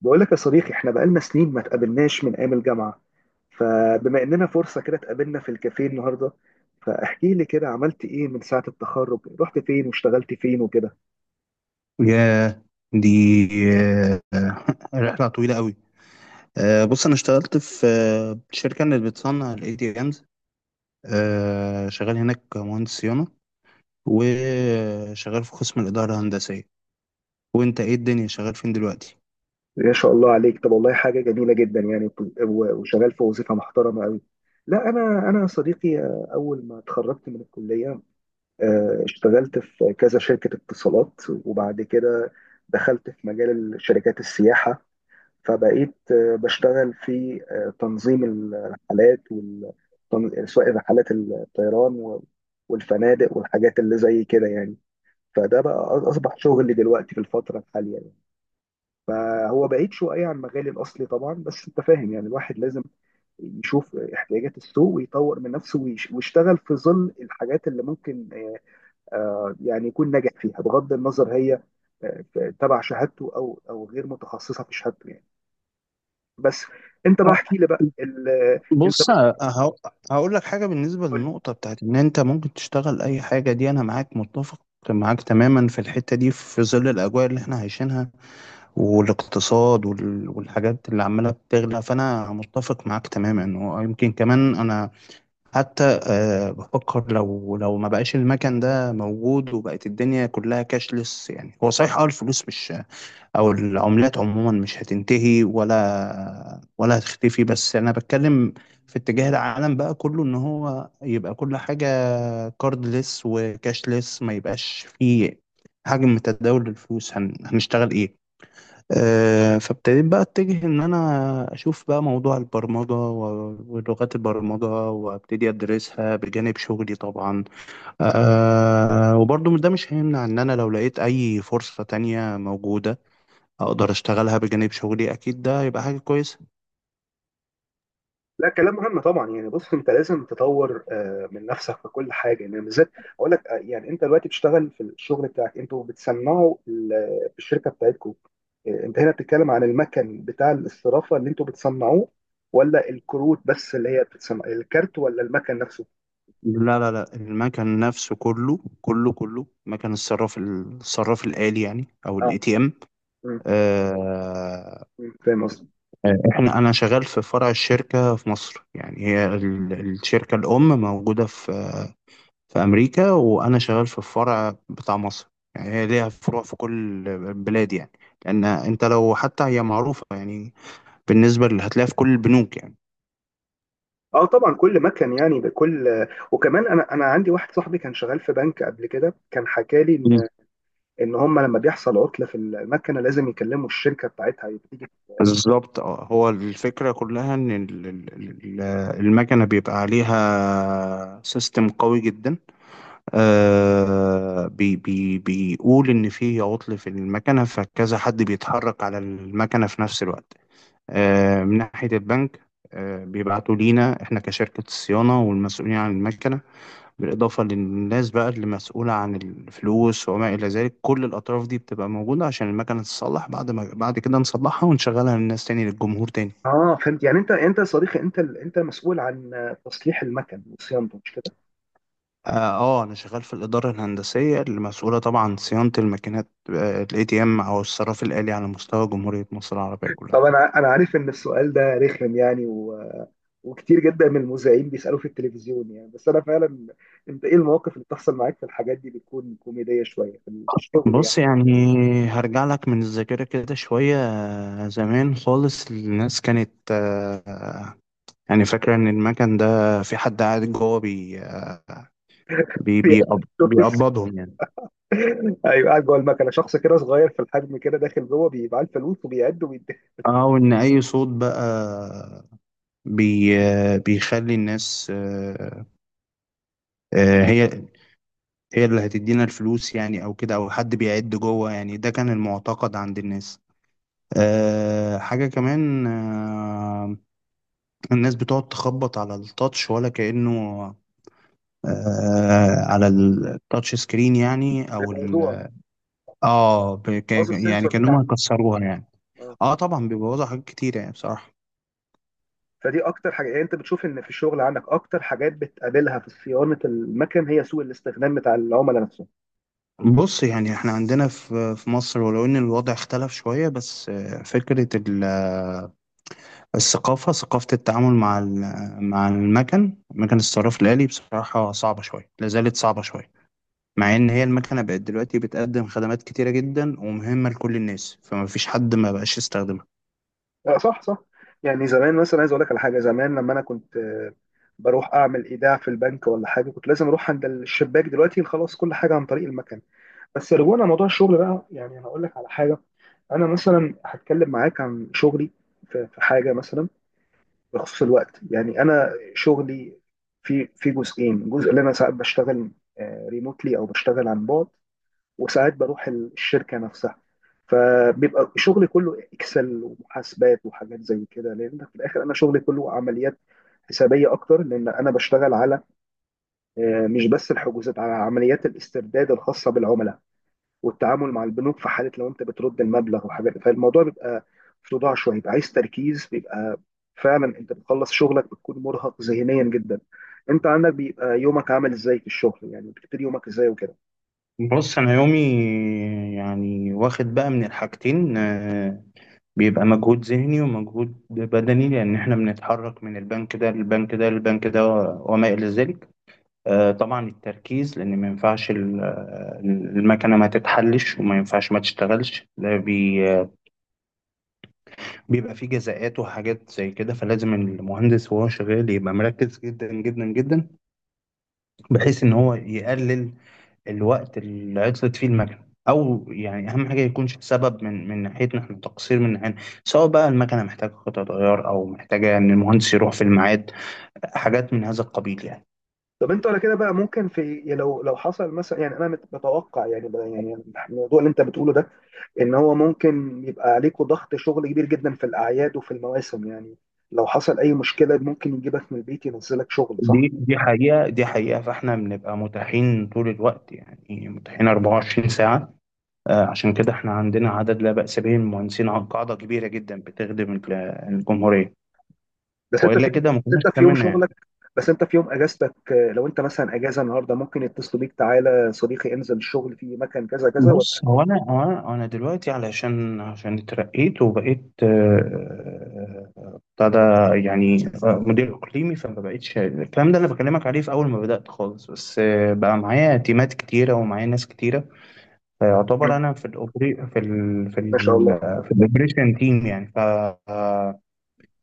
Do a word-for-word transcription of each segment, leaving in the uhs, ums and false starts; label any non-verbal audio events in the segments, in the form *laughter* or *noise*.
بقول لك يا صديقي، احنا بقالنا سنين ما تقابلناش من ايام الجامعة. فبما اننا فرصة كده اتقابلنا في الكافيه النهاردة، فاحكي لي كده عملت ايه من ساعة التخرج؟ رحت فين واشتغلت فين وكده؟ ياه دي آه، *laughs* رحلة طويلة قوي. آه، بص، أنا اشتغلت في آه، شركة اللي بتصنع ال ايه تي ام اس، آه، شغال هناك مهندس صيانة، وشغال في قسم الإدارة الهندسية. وأنت إيه الدنيا، شغال فين دلوقتي؟ ما شاء الله عليك، طب والله حاجة جميلة جدا يعني. و- وشغال في وظيفة محترمة قوي. لا، انا انا يا صديقي، آه، اول ما اتخرجت من الكلية آه، اشتغلت في كذا شركة اتصالات، وبعد كده دخلت في مجال شركات السياحة. فبقيت آه، بشتغل في آه، تنظيم الرحلات، وال- تن- سواء رحلات الطيران و- والفنادق والحاجات اللي زي كده يعني. فده بقى أ- اصبح شغلي دلوقتي في الفتره الحاليه يعني. فهو بعيد شويه عن مجالي الاصلي طبعا، بس انت فاهم، يعني الواحد لازم يشوف احتياجات السوق ويطور من نفسه ويش- ويشتغل في ظل الحاجات اللي ممكن آه، آه، يعني يكون ناجح فيها، بغض النظر هي آه، تبع شهادته او او غير متخصصه في شهادته يعني. بس انت بقى آه، احكي لي بقى ال... انت بص، هقول هقول لك حاجة. بالنسبة بتقول لي. للنقطة بتاعت إن أنت ممكن تشتغل أي حاجة دي، أنا معاك متفق. معاك تماما في الحتة دي، في ظل الأجواء اللي إحنا عايشينها والاقتصاد وال- والحاجات اللي عمالة بتغلى، فأنا متفق معاك تماما. ويمكن كمان أنا حتى آه، بفكر، لو لو ما بقاش المكان ده موجود وبقت الدنيا كلها كاشلس، يعني هو صحيح، اه الفلوس مش، أو العملات عموما مش هتنتهي ولا ولا هتختفي. بس أنا بتكلم في اتجاه العالم بقى كله، إن هو يبقى كل حاجة كاردلس وكاشلس، ما يبقاش فيه حجم تداول الفلوس، هن... هنشتغل إيه؟ آه، فابتديت بقى اتجه ان انا اشوف بقى موضوع البرمجة و- ولغات البرمجة، وابتدي ادرسها بجانب شغلي طبعا. أه وبرضو ده مش هيمنع ان انا لو لقيت اي فرصة تانية موجودة، اقدر اشتغلها بجانب شغلي، اكيد ده هيبقى حاجة كويسة. لا، كلام مهم طبعا، يعني بص، انت لازم تطور آه، من نفسك في كل حاجه يعني. بالذات اقول لك، آه، يعني انت دلوقتي بتشتغل في الشغل بتاعك، انتوا بتصنعوا ال- في الشركه بتاعتكم. آه، انت هنا بتتكلم عن المكن بتاع الاسترافه اللي انتوا بتصنعوه، ولا الكروت بس اللي هي بتصنع الكارت، ولا المكن نفسه؟ لا، لا، لا، المكن نفسه كله كله كله، مكن الصراف الصراف الآلي يعني، او اه. الاي تي ام. مم. مم. فاهم قصدي؟ آه، احنا انا شغال في فرع الشركه في مصر. يعني هي ال- الشركه الام موجوده في في امريكا، وانا شغال في الفرع بتاع مصر. يعني هي ليها فروع في كل البلاد يعني، لان انت لو حتى هي معروفه يعني، بالنسبه اللي هتلاقيها في كل البنوك يعني. اه، طبعا كل مكن يعني بكل. وكمان انا انا عندي واحد صاحبي كان شغال في بنك قبل كده، كان حكى مم. لي ان هم لما بيحصل عطله في المكنه لازم يكلموا الشركه بتاعتها تيجي. بالظبط، اه هو الفكره كلها ان ال- ال- ال- المكنه بيبقى عليها سيستم قوي جدا. آه بي بي بيقول إن في عطل في المكنة، فكذا حد بيتحرك على المكنة في نفس الوقت، آه من ناحية البنك. آه بيبعتوا لينا إحنا كشركة الصيانة والمسؤولين عن المكنة، بالإضافة للناس بقى اللي مسؤولة عن الفلوس وما إلى ذلك. كل الأطراف دي بتبقى موجودة عشان المكنة تتصلح، بعد ما بعد كده نصلحها ونشغلها للناس تاني، للجمهور تاني. اه، فهمت. يعني انت انت يا صديقي، انت ال- انت مسؤول عن تصليح المكن وصيانته، مش كده؟ اه. آه، انا شغال في الاداره الهندسيه المسؤوله طبعا عن صيانه الماكينات الاي تي ام، او الصراف الالي على مستوى جمهوريه مصر العربيه طب كلها. انا انا عارف ان السؤال ده رخم يعني، و... وكتير جدا من المذيعين بيسالوه في التلفزيون يعني، بس انا فعلا، انت ايه المواقف اللي بتحصل معاك في الحاجات دي؟ بتكون كوميديه شويه في ال- في الشغل يعني. بص يعني، هرجع لك من الذاكره كده شويه. آه، زمان خالص، الناس كانت آه، يعني فاكره ان المكن ده في حد قاعد جوه بي بي *laughs* بيقب- فلوس! بيقبضهم يعني. ايوه، قاعد جوه المكنه شخص كده صغير في الحجم كده، داخل جوه بيبقى الفلوس وبيعد وبيدي. اه وان اي صوت بقى بي آه، بيخلي الناس، آه، آه، هي هي اللي هتدينا الفلوس يعني، او كده، او حد بيعد جوه يعني. ده كان المعتقد عند الناس. أه حاجة كمان. أه الناس بتقعد تخبط على التاتش، ولا كأنه أه على التاتش سكرين يعني، او ال الموضوع اه ب- ك- باظ يعني السنسور كأنهم بتاعه. هيكسروها يعني. آه. اه، طبعا بيبوظوا حاجات كتير يعني بصراحة. فدي اكتر حاجه، يعني انت بتشوف ان في الشغل عندك اكتر حاجات بتقابلها في صيانه المكن هي سوء الاستخدام بتاع العملاء نفسهم. بص يعني، احنا عندنا في في مصر، ولو ان الوضع اختلف شوية، بس آه، فكرة ال الثقافة، ثقافة التعامل مع ال- مع المكن، مكن الصراف الآلي، بصراحة صعبة شوية، لا زالت صعبة شوية. مع إن هي المكنة بقت دلوقتي بتقدم خدمات كتيرة جدا ومهمة لكل الناس، فما فيش حد ما بقاش يستخدمها. آه، صح، صح. يعني زمان مثلا، عايز اقول لك على حاجه. زمان لما انا كنت آه، بروح اعمل ايداع في البنك ولا حاجه، كنت لازم اروح عند الشباك. دلوقتي خلاص، كل حاجه عن طريق المكن. بس رجوعنا لموضوع الشغل بقى، يعني انا اقول لك على حاجه. انا مثلا هتكلم معاك عن شغلي، في في حاجه مثلا بخصوص الوقت. يعني انا شغلي في في جزئين. جزء اللي انا ساعات بشتغل ريموتلي او بشتغل عن بعد، وساعات بروح ال- الشركه نفسها. فبيبقى شغلي كله اكسل ومحاسبات وحاجات زي كده، لان في الاخر انا شغلي كله عمليات حسابيه اكتر، لان انا بشتغل على آه، مش بس الحجوزات، على عمليات الاسترداد الخاصه بالعملاء والتعامل مع البنوك في حاله لو انت بترد المبلغ وحاجات. فالموضوع بيبقى في صداع شويه، بيبقى عايز تركيز، بيبقى فعلا انت بتخلص شغلك بتكون مرهق ذهنيا جدا. انت عندك بيبقى يومك عامل ازاي في الشغل يعني؟ بتبتدي يومك ازاي وكده؟ بص، أنا يومي يعني واخد بقى من الحاجتين. آه، بيبقى مجهود ذهني ومجهود بدني، لأن إحنا بنتحرك من البنك ده للبنك ده للبنك ده وما إلى ذلك. آه، طبعا التركيز، لان ما ينفعش ال- آه، المكنه ما تتحلش وما ينفعش ما تشتغلش، ده بي آه، بيبقى فيه جزاءات وحاجات زي كده. فلازم المهندس وهو شغال يبقى مركز جدا جدا جدا، بحيث ان هو يقلل الوقت اللي عطلت فيه المكنه، او يعني اهم حاجه يكونش سبب من من ناحيتنا احنا، تقصير من ناحيتنا، سواء بقى المكنه محتاجه قطع غيار او محتاجه ان المهندس يروح في الميعاد، حاجات من هذا القبيل يعني. طب انت على كده بقى، ممكن في يعني، لو لو حصل مثلا، يعني انا مت- متوقع يعني بقى، يعني الموضوع اللي انت بتقوله ده، ان هو ممكن يبقى عليكوا ضغط شغل كبير جدا في الاعياد وفي المواسم يعني. لو حصل اي مشكله ممكن يجيبك من البيت ينزلك شغل، دي صح؟ دي حقيقة، دي حقيقة، فاحنا بنبقى متاحين طول الوقت، يعني متاحين اربعة وعشرين ساعة. آه، عشان كده احنا عندنا عدد لا بأس به من المهندسين عن قاعدة كبيرة جدا بتخدم ال- الجمهورية، بس انت وإلا في، كده ما بس كناش انت في يوم تمنا يعني. شغلك، بس انت في يوم اجازتك، آه، لو انت مثلا اجازه النهارده، ممكن يتصلوا بيك: تعالى صديقي انزل الشغل في مكان كذا كذا، ولا؟ بص، هو أنا هو أنا أنا دلوقتي علشان عشان اترقيت وبقيت، آه، آه، ابتدى يعني، آه، مدير إقليمي. فما بقتش الكلام ده اللي بكلمك عليه في أول ما بدأت خالص. بس آه، بقى معايا تيمات كتيرة ومعايا ناس كتيرة، فيعتبر مم. انا في الاوبري في ال في ال ما شاء الله. في الاوبريشن تيم يعني، ف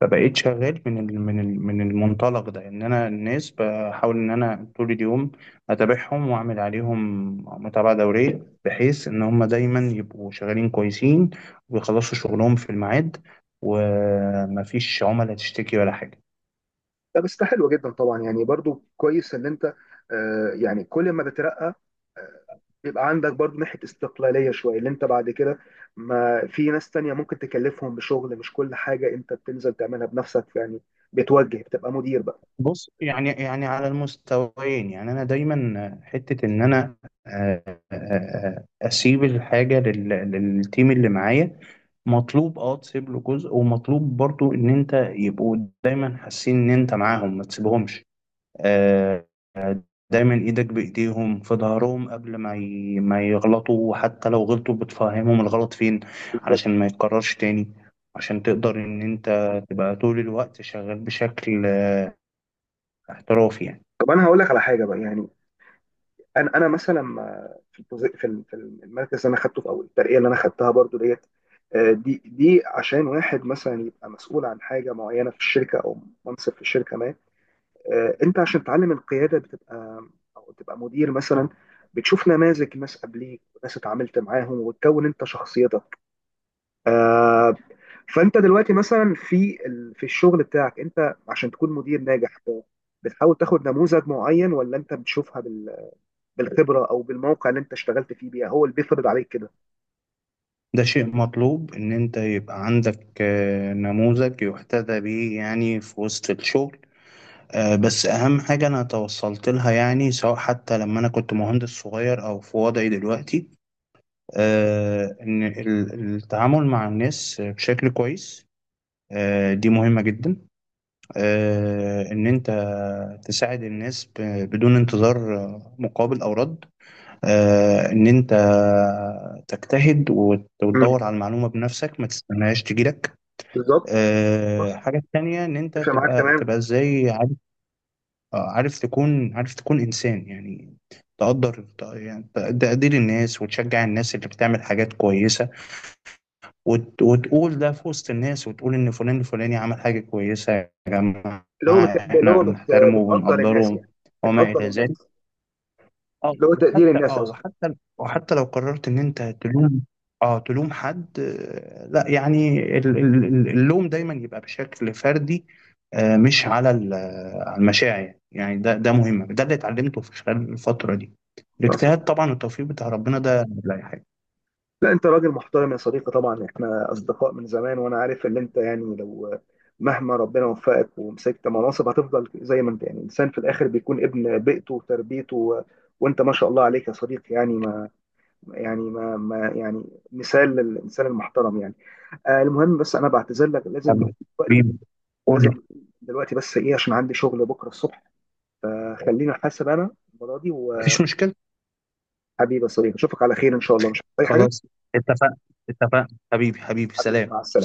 فبقيت شغال من ال من ال من المنطلق ده، ان انا الناس بحاول ان انا طول اليوم اتابعهم واعمل عليهم متابعه دوريه، بحيث ان هم دايما يبقوا شغالين كويسين، ويخلصوا شغلهم في الميعاد، ومفيش عملاء تشتكي ولا حاجه. لا، بس ده حلو جدا طبعا، يعني برضو كويس ان انت، آه، يعني كل ما بترقى بيبقى عندك برضو ناحيه استقلاليه شويه، اللي انت بعد كده ما في ناس تانية ممكن تكلفهم بشغل. مش كل حاجه انت بتنزل تعملها بنفسك يعني، بتوجه، بتبقى مدير بقى. بص يعني، يعني على المستويين يعني. انا دايما حته ان انا آه، آه، آه، اسيب الحاجه لل- للتيم اللي معايا. مطلوب اه تسيب له جزء، ومطلوب برضو ان انت يبقوا دايما حاسين ان انت معاهم، ما تسيبهمش. آه، آه، دايما ايدك بايديهم في ظهرهم، قبل ما ي- ما يغلطوا، وحتى لو غلطوا بتفهمهم الغلط فين، علشان ما يتكررش تاني. عشان تقدر ان انت تبقى طول الوقت شغال بشكل آه، احترافي يعني. طب انا هقول لك على حاجه بقى يعني. انا انا مثلا، ما- في البوزي- في ال- في المركز اللي انا خدته في اول الترقيه اللي انا خدتها برضو ديت، آه، دي دي عشان واحد مثلا يبقى مسؤول عن حاجه معينه في الشركه، او منصب في الشركه ما، آه، انت عشان تتعلم القياده، بتبقى او تبقى مدير مثلا، بتشوف نماذج ناس قبليك وناس اتعاملت معاهم وتكون انت شخصيتك. فانت دلوقتي مثلا في ال- في الشغل بتاعك، انت عشان تكون مدير ناجح، ب- بتحاول تاخد نموذج معين، ولا انت بتشوفها بالخبره، او بالموقع اللي انت اشتغلت فيه بيها هو اللي بيفرض عليك كده؟ ده شيء مطلوب إن أنت يبقى عندك آه، نموذج يحتذى به يعني في وسط الشغل. آه، بس أهم حاجة أنا توصلت لها يعني، سواء حتى لما أنا كنت مهندس صغير أو في وضعي دلوقتي، آه، إن ال- التعامل مع الناس بشكل كويس، آه، دي مهمة جدا. آه، إن أنت تساعد الناس ب- بدون انتظار آه، مقابل أو رد. آه، إن أنت تجتهد وت- مم. وتدور على المعلومة بنفسك، ما تستناهاش تجيلك. بالظبط. صح. آه، حاجة تانية، إن أنت اتفق معاك تبقى تمام. تبقى إزاي عارف. آه، عارف تكون عارف تكون إنسان يعني، تقدر ت- يعني ت- تقدير الناس، وتشجع الناس اللي بتعمل حاجات كويسة، وت- وتقول ده في وسط الناس، وتقول إن فلان الفلاني عمل حاجة كويسة، يا جماعة اللي هو بت... اللي إحنا هو بت... بنحترمه بتقدر الناس وبنقدره يعني. وما بتقدر إلى الناس. ذلك. اه اللي هو تقدير وحتى الناس اه اصلا. وحتى وحتى لو قررت ان انت تلوم، اه تلوم حد، آه، لا يعني ال- ال- ال- اللوم دايما يبقى بشكل فردي. آه، مش على ال- آه، على المشاعر يعني، ده ده مهم، ده اللي اتعلمته في خلال الفترة دي، صح. الاجتهاد طبعا، التوفيق بتاع ربنا ده لا أي حاجة. لا، انت راجل محترم يا صديقي طبعا، احنا اصدقاء من زمان، وانا عارف ان انت، يعني لو مهما ربنا وفقك ومسكت مناصب هتفضل زي ما انت. يعني الانسان في الاخر بيكون ابن بيئته وتربيته، و... وانت ما شاء الله عليك يا صديقي، يعني ما يعني ما, ما يعني مثال للانسان المحترم يعني. آه المهم، بس انا بعتذر لك، لازم نقوم دلوقتي. حبيبي، قول لازم لي. نقوم دلوقتي، بس ايه، عشان عندي شغل بكره الصبح. فخلينا، حاسب انا المره دي مفيش وحبيبي. مشكلة. يا صديقي اشوفك على خير ان شاء الله، مش عايز اي حاجه. خلاص، اتفقنا اتفقنا. حبيبي حبيبي حبيبي، مع سلام. السلامه.